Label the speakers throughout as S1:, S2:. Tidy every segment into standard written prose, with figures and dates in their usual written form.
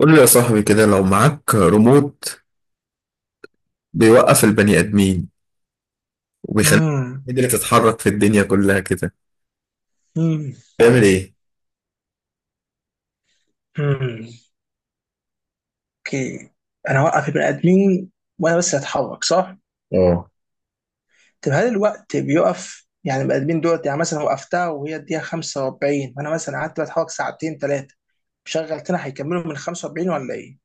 S1: قول لي يا صاحبي كده، لو معاك ريموت بيوقف البني آدمين وبيخليك
S2: امم
S1: تقدر تتحرك في الدنيا كلها كده،
S2: امم
S1: تعمل ايه؟
S2: امم اوكي، انا هوقف البني ادمين وانا بس هتحرك، صح؟
S1: اه.
S2: طب هل الوقت بيقف؟ يعني البني ادمين دول يعني مثلا وقفتها وهي الدقيقة 45 وانا مثلا قعدت بتحرك ساعتين ثلاثة شغل تاني، هيكملوا من 45 ولا ايه؟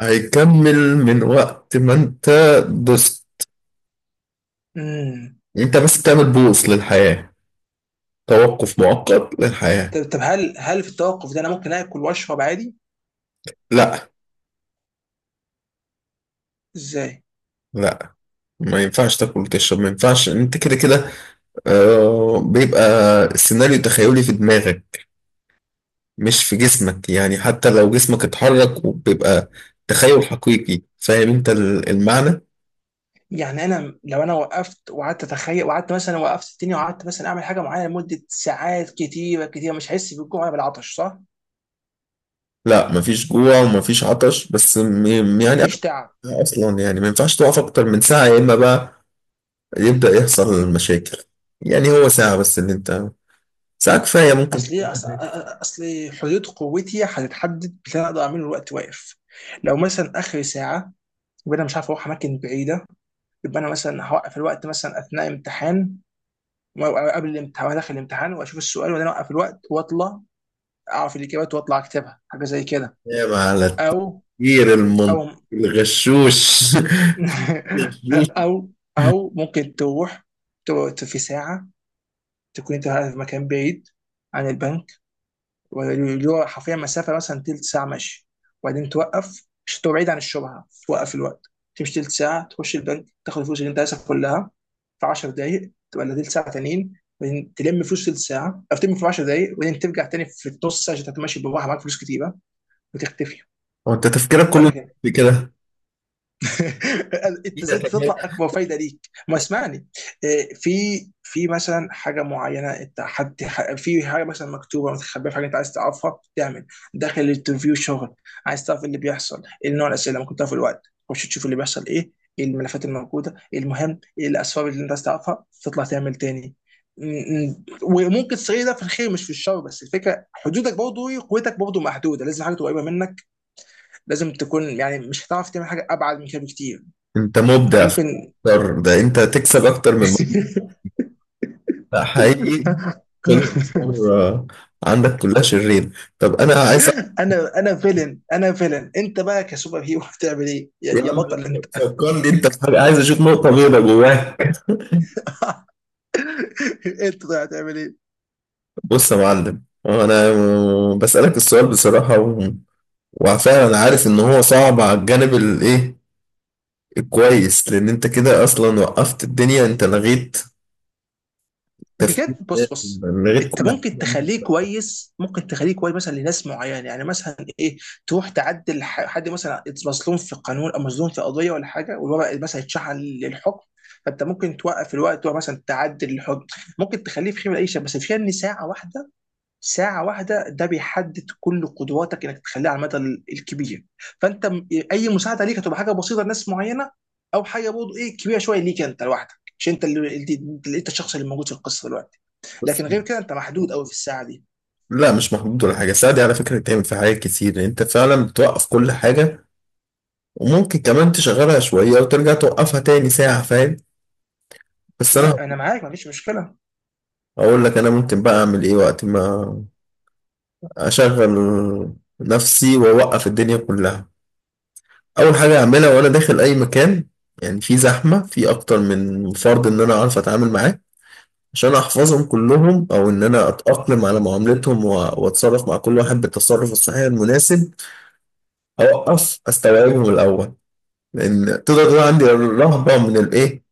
S1: هيكمل من وقت ما انت دوست.
S2: امم
S1: انت بس تعمل بوص للحياة، توقف مؤقت للحياة.
S2: طب، طب هل في التوقف ده انا ممكن اكل واشرب عادي؟
S1: لا،
S2: ازاي؟
S1: لا، ما ينفعش تاكل وتشرب، ما ينفعش. انت كده كده. بيبقى السيناريو تخيلي في دماغك، مش في جسمك، يعني حتى لو جسمك اتحرك وبيبقى تخيل حقيقي. فاهم انت المعنى؟
S2: يعني انا لو انا وقفت وقعدت اتخيل وقعدت مثلا وقفت الدنيا وقعدت مثلا اعمل حاجة معينة لمدة ساعات كتيرة كتيرة مش هحس بالجوع ولا بالعطش، صح؟
S1: لا، مفيش جوع ومفيش عطش، بس يعني أكل
S2: مفيش تعب.
S1: اصلا، يعني ما ينفعش تقف اكتر من ساعة، يا اما بقى يبدأ يحصل المشاكل. يعني هو ساعة بس اللي انت، ساعة كفاية ممكن
S2: اصلي
S1: تعمل،
S2: اصلي حدود قوتي هتتحدد باللي انا اقدر اعمله الوقت واقف. لو مثلا اخر ساعه، يبقى انا مش عارف اروح اماكن بعيده. يبقى انا مثلا هوقف الوقت مثلا اثناء امتحان، أو قبل الامتحان وأنا داخل الامتحان واشوف السؤال وبعدين اوقف الوقت واطلع اعرف الاجابات واطلع اكتبها، حاجه زي كده.
S1: تنام على
S2: او
S1: التفكير المنطقي
S2: او
S1: الغشوش.
S2: او او ممكن تروح تقعد في ساعه، تكون انت قاعد في مكان بعيد عن البنك، اللي هو حرفيا مسافه مثلا تلت ساعه مشي، وبعدين توقف عشان تبقى بعيد عن الشبهه، توقف الوقت تمشي تلت ساعه تخش البنك تاخد الفلوس اللي انت عايزها كلها في 10 دقائق ولا تلت ساعه تانيين، وبعدين تلم فلوس تلت ساعه او تلم في 10 دقائق وبعدين ترجع تاني في النص ساعه عشان تتمشي بالراحه معاك فلوس كتيره وتختفي،
S1: وانت تفكيرك
S2: ولا
S1: كله
S2: كده؟
S1: في كده.
S2: انت ازاي تطلع اكبر فايده ليك؟ ما اسمعني. إيه، في في مثلا حاجه معينه، انت حد في حاجه مثلا مكتوبه متخبيه، في حاجه انت عايز تعرفها، تعمل داخل الانترفيو شغل، عايز تعرف إيه اللي بيحصل، ايه نوع الاسئله اللي ممكن تعرف، الوقت خش تشوف اللي بيحصل ايه، ايه الملفات الموجوده، ايه المهم، ايه الاسباب اللي انت عايز تعرفها، تطلع تعمل تاني. وممكن تصير ده في الخير مش في الشر، بس الفكره حدودك برضه، قوتك برضه محدوده، لازم حاجه تبقى قريبه منك، لازم تكون، يعني مش هتعرف تعمل حاجه ابعد من كده بكتير.
S1: انت مبدع في
S2: ممكن.
S1: الأفكار. ده انت تكسب اكتر من مبدع حقيقي. كل الأفكار، عندك كلها شرير. طب انا عايز،
S2: انا فيلن، انا فيلن، انت بقى كسوبر هيرو هتعمل ايه يا
S1: يا
S2: يا
S1: عم لا،
S2: بطل انت؟
S1: فكرني انت في حاجه، عايز اشوف نقطه بيضاء جواك.
S2: انت، طيب هتعمل ايه؟
S1: بص يا معلم، هو انا بسالك السؤال بصراحه وفعلا انا عارف ان هو صعب على الجانب الايه الكويس، لان انت كده اصلا وقفت الدنيا، انت لغيت تفكير
S2: بجد،
S1: الناس،
S2: بص،
S1: لغيت
S2: انت
S1: كل
S2: ممكن تخليه
S1: حاجه
S2: كويس، ممكن تخليه كويس مثلا لناس معينه، يعني مثلا ايه، تروح تعدل حد مثلا مظلوم في قانون او مظلوم في قضيه ولا حاجه، والورق مثلا يتشحن للحكم، فانت ممكن توقف الوقت مثلا تعدل الحكم. ممكن تخليه في خيمه، العيشه بس فيها ان ساعه واحده، ساعة واحدة ده بيحدد كل قدراتك انك تخليها على المدى الكبير. فانت اي مساعدة ليك هتبقى حاجة بسيطة لناس معينة، او حاجة برضه ايه كبيرة شوية ليك انت لوحدك. مش انت اللي انت الشخص اللي موجود في القصة دلوقتي،
S1: بس.
S2: لكن غير كده انت محدود قوي في الساعة دي.
S1: لا، مش محدود ولا حاجه، الساعه دي على فكره بتعمل في حاجات كتير، انت فعلا بتوقف كل حاجه وممكن كمان تشغلها شويه وترجع توقفها تاني ساعه، فاهم؟ بس انا
S2: لا انا معاك، ما فيش مشكلة.
S1: هقول لك انا ممكن بقى اعمل ايه وقت ما أشغل نفسي وأوقف الدنيا كلها. أول حاجة أعملها وأنا داخل أي مكان، يعني في زحمة، في أكتر من فرد، إن أنا أعرف أتعامل معاه، عشان أحفظهم كلهم، أو إن أنا أتأقلم على معاملتهم وأتصرف مع كل واحد بالتصرف الصحيح المناسب. أوقف أستوعبهم الأول، لأن تقدر تقول عندي رهبة من الإيه،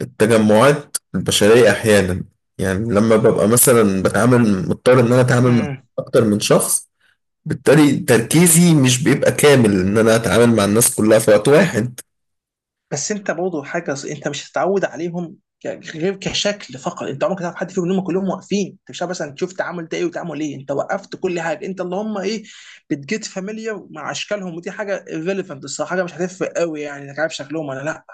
S1: التجمعات البشرية أحيانا. يعني لما ببقى مثلا بتعامل، مضطر إن أنا أتعامل مع أكتر من شخص، بالتالي تركيزي مش بيبقى كامل ان انا اتعامل مع الناس كلها في وقت واحد.
S2: بس انت برضه حاجه انت مش هتتعود عليهم غير كشكل فقط، انت عمرك هتعرف حد فيهم، ان هم كلهم واقفين، انت مش عارف مثلا تشوف تعامل ده ايه وتعامل ايه، انت وقفت كل حاجه، انت اللهم ايه، بتجيت فاميليا مع اشكالهم، ودي حاجه ريليفنت الصراحه، حاجه مش هتفرق قوي، يعني انك عارف شكلهم ولا لا.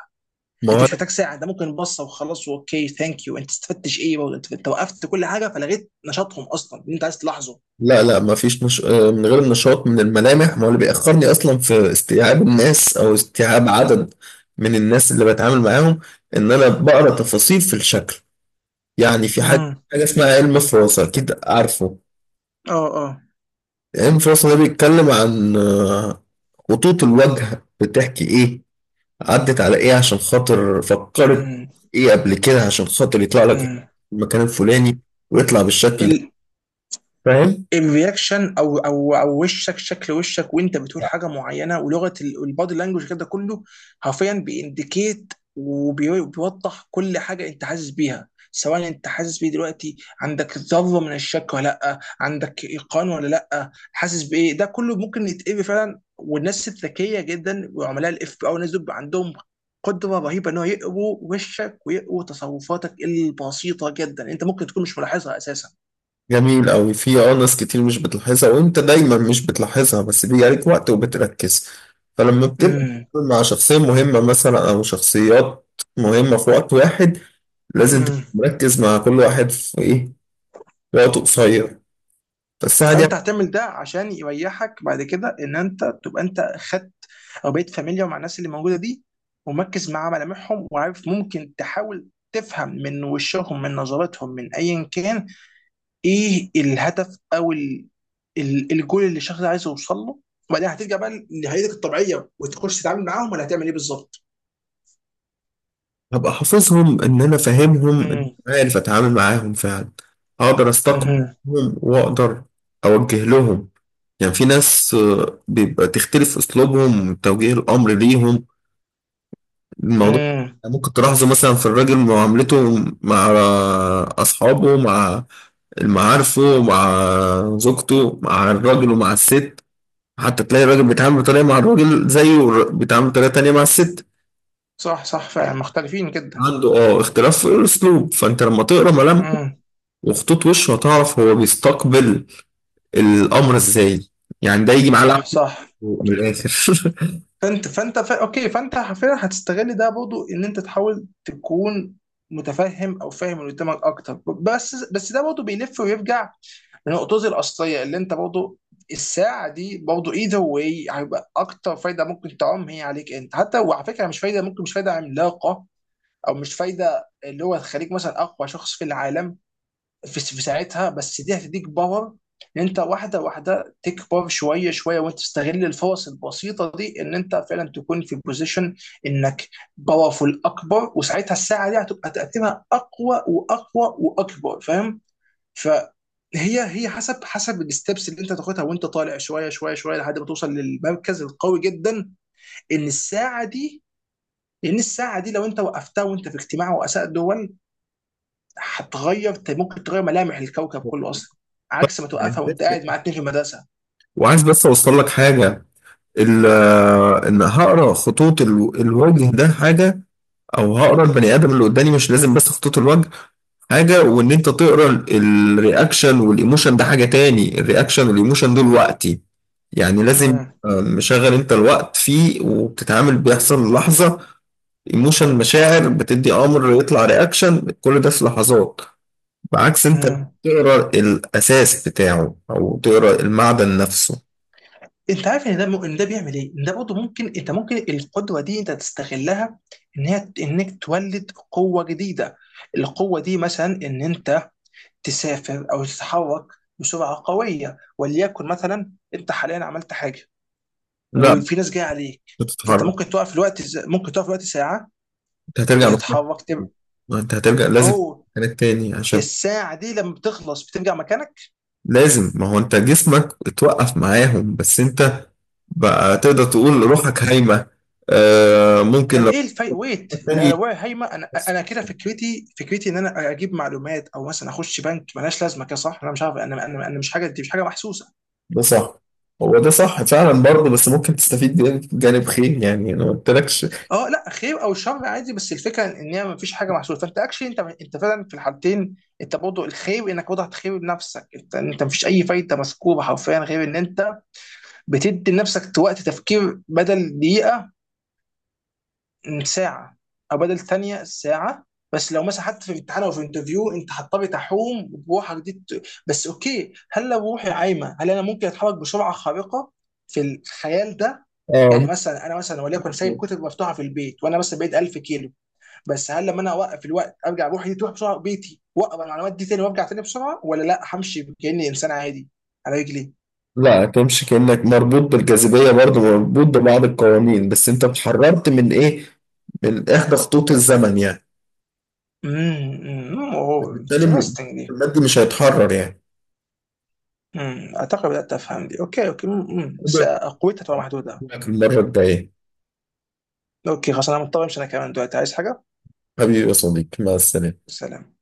S1: ما
S2: انت
S1: هو
S2: مش محتاج ساعه، انت ممكن بصه وخلاص، اوكي ثانك يو. انت استفدتش ايه برضه؟ انت انت وقفت كل حاجه فلغيت نشاطهم اصلا اللي انت عايز تلاحظه.
S1: لا، لا، ما فيش من غير النشاط، من الملامح. ما هو اللي بيأخرني اصلا في استيعاب الناس او استيعاب عدد من الناس اللي بتعامل معاهم ان انا بقرا تفاصيل في الشكل. يعني في حاجه
S2: امم،
S1: حاجه اسمها علم فراسه، اكيد عارفه.
S2: اه اه،
S1: علم فراسه ده بيتكلم عن خطوط الوجه بتحكي ايه، عدت على ايه عشان خاطر فكرت
S2: امم
S1: ايه قبل كده، عشان خاطر يطلع لك
S2: امم.
S1: المكان الفلاني ويطلع بالشكل ده، فاهم؟
S2: الرياكشن، او وشك، شكل وشك وانت بتقول حاجه معينه، ولغه البادي لانجوج كده كله حرفيا بيindicate وبيوضح كل حاجه انت حاسس بيها، سواء انت حاسس بيه دلوقتي عندك ذره من الشك ولا لا، عندك ايقان ولا لا، حاسس بايه، ده كله ممكن يتقري فعلا، والناس الذكيه جدا وعملاء الاف بي او الناس دول بيبقى عندهم قدره رهيبه ان هو يقروا وشك ويقروا تصرفاتك البسيطه جدا، انت ممكن تكون مش ملاحظها اساسا.
S1: جميل قوي. في ناس كتير مش بتلاحظها، وانت دايما مش بتلاحظها، بس بيجي عليك وقت وبتركز. فلما بتبقى بتتعامل مع شخصية مهمة مثلا، او شخصيات مهمة في وقت واحد، لازم تبقى
S2: امم.
S1: مركز مع كل واحد في ايه في وقت قصير، بس عادي.
S2: فانت هتعمل ده عشان يريحك بعد كده، ان انت تبقى انت خدت، او بقيت فاميليار مع الناس اللي موجوده دي، ومركز مع ملامحهم، وعارف، ممكن تحاول تفهم من وشهم، من نظرتهم، من ايا كان، ايه الهدف او الجول اللي الشخص ده عايز يوصل له، وبعدين هترجع بقى لهيئتك الطبيعيه وتخش تتعامل معاهم، ولا هتعمل ايه بالظبط؟
S1: هبقى حافظهم، ان انا فاهمهم، إن
S2: امم،
S1: أنا عارف اتعامل معاهم فعلا، هقدر
S2: امم،
S1: استقبلهم واقدر اوجه لهم. يعني في ناس بيبقى تختلف اسلوبهم توجيه الامر ليهم الموضوع.
S2: امم.
S1: ممكن تلاحظوا مثلا في الراجل معاملته مع اصحابه، مع معارفه، مع زوجته، مع الراجل ومع الست، حتى تلاقي الراجل بيتعامل بطريقه مع الراجل زيه بيتعامل بطريقه تانيه مع الست.
S2: صح صح، فعلا مختلفين جدا.
S1: عنده اختلاف في الاسلوب، فانت لما تقرا ملامح
S2: امم.
S1: وخطوط وشه هتعرف هو بيستقبل الأمر إزاي. يعني ده يجي معاه
S2: صح
S1: لعب
S2: صح.
S1: من الآخر.
S2: فانت، اوكي فانت حرفيا هتستغل ده برضه، ان انت تحاول تكون متفهم او فاهم اللي قدامك اكتر، بس ده برضه بيلف ويرجع لنقطتي الاصليه اللي انت برضه، الساعه دي برضه ايذر واي هيبقى اكتر فايده ممكن تعم هي عليك انت، حتى وعلى فكره مش فايده، ممكن مش فايده عملاقه، او مش فايده اللي هو تخليك مثلا اقوى شخص في العالم في في ساعتها، بس دي هتديك باور ان انت واحده واحده تكبر شويه شويه، وانت تستغل الفرص البسيطه دي ان انت فعلا تكون في بوزيشن انك باورفول اكبر، وساعتها الساعه دي هتبقى تاثيرها اقوى واقوى واكبر، فاهم؟ فهي هي حسب الستبس اللي انت تاخدها وانت طالع شويه شويه شويه لحد ما توصل للمركز القوي جدا، ان الساعه دي، لان الساعه دي لو انت وقفتها وانت في اجتماع رؤساء دول هتغير، ممكن تغير ملامح الكوكب كله اصلا، عكس ما توقفها وانت قاعد مع اتنين في المدرسه.
S1: وعايز بس أوصل لك حاجة، ال- إن هقرأ خطوط الوجه ده حاجة، أو هقرأ البني آدم اللي قدامي، مش لازم بس خطوط الوجه حاجة، وإن أنت تقرأ الرياكشن والإيموشن ده حاجة تاني. الرياكشن والإيموشن دول وقتي، يعني لازم
S2: مم.
S1: مشغل أنت الوقت فيه وبتتعامل بيحصل لحظة ايموشن، مشاعر بتدي امر يطلع رياكشن، كل ده في لحظات، بعكس انت لو
S2: مم.
S1: تقرا الاساس بتاعه او تقرا المعدن نفسه.
S2: انت عارف ان ده ان ده بيعمل ايه؟ ان ده برضه ممكن، انت ممكن القدره دي انت تستغلها، ان هي انك تولد قوه جديده. القوه دي مثلا ان انت تسافر او تتحرك بسرعه قويه، وليكن مثلا انت حاليا عملت حاجه
S1: لا، مش
S2: وفي ناس جايه عليك، فانت
S1: هتتحرك.
S2: ممكن تقف في الوقت ممكن تقف في الوقت ساعه
S1: انت هترجع مكانك،
S2: وتتحرك
S1: انت هترجع لازم
S2: اوه،
S1: مكانك تاني،
S2: هي
S1: عشان
S2: الساعه دي لما بتخلص بترجع مكانك؟
S1: لازم، ما هو انت جسمك اتوقف معاهم، بس انت بقى تقدر تقول روحك هايمة. آه ممكن
S2: طب
S1: لو
S2: ايه الفايت ويت؟ لا
S1: تاني.
S2: لو وقع هايمه، انا كده فكرتي ان انا اجيب معلومات او مثلا اخش بنك ملهاش لازمه كده صح، انا مش عارف، انا مش، حاجه دي مش حاجه محسوسه.
S1: ده صح. هو ده صح فعلا برضه، بس ممكن تستفيد بيه في جانب خير، يعني انا ما قلتلكش.
S2: اه لا، خير او شر عادي، بس الفكره ان هي ما فيش حاجه محسوسه، فانت اكشلي انت فعلا في الحالتين انت برضه الخير، انك وضعت خير بنفسك، انت ما فيش اي فايده مذكوره حرفيا غير ان انت بتدي لنفسك وقت تفكير، بدل دقيقه ساعة، أو بدل ثانية ساعة. بس لو مثلا حتى في امتحان أو في انترفيو أنت هتضطري تحوم بروحك دي بس أوكي، هل لو روحي عايمة هل أنا ممكن أتحرك بسرعة خارقة في الخيال ده؟ يعني
S1: اه
S2: مثلا أنا مثلا وليكن سايب
S1: ممكن.
S2: كتب مفتوحة في البيت وأنا مثلا بعيد 1000 كيلو، بس هل لما أنا أوقف الوقت أرجع روحي دي تروح بسرعة بيتي وأقرأ المعلومات دي تاني وأرجع تاني بسرعة، ولا لأ همشي كأني إنسان عادي على رجلي؟
S1: لا، تمشي كأنك مربوط بالجاذبية برضه، مربوط ببعض القوانين، بس انت اتحررت من ايه، من احدى خطوط الزمن يعني،
S2: امم، امم،
S1: بالتالي
S2: انترستنج.
S1: المادي مش هيتحرر يعني.
S2: اعتقد بدات افهم دي، اوكي اوكي. بس آه، قوتها تبقى محدوده.
S1: المرة الجاية.
S2: اوكي خلاص انا مضطر امشي انا كمان دلوقتي، عايز حاجه.
S1: حبيبي يا صديقي، مع السلامة.
S2: سلام.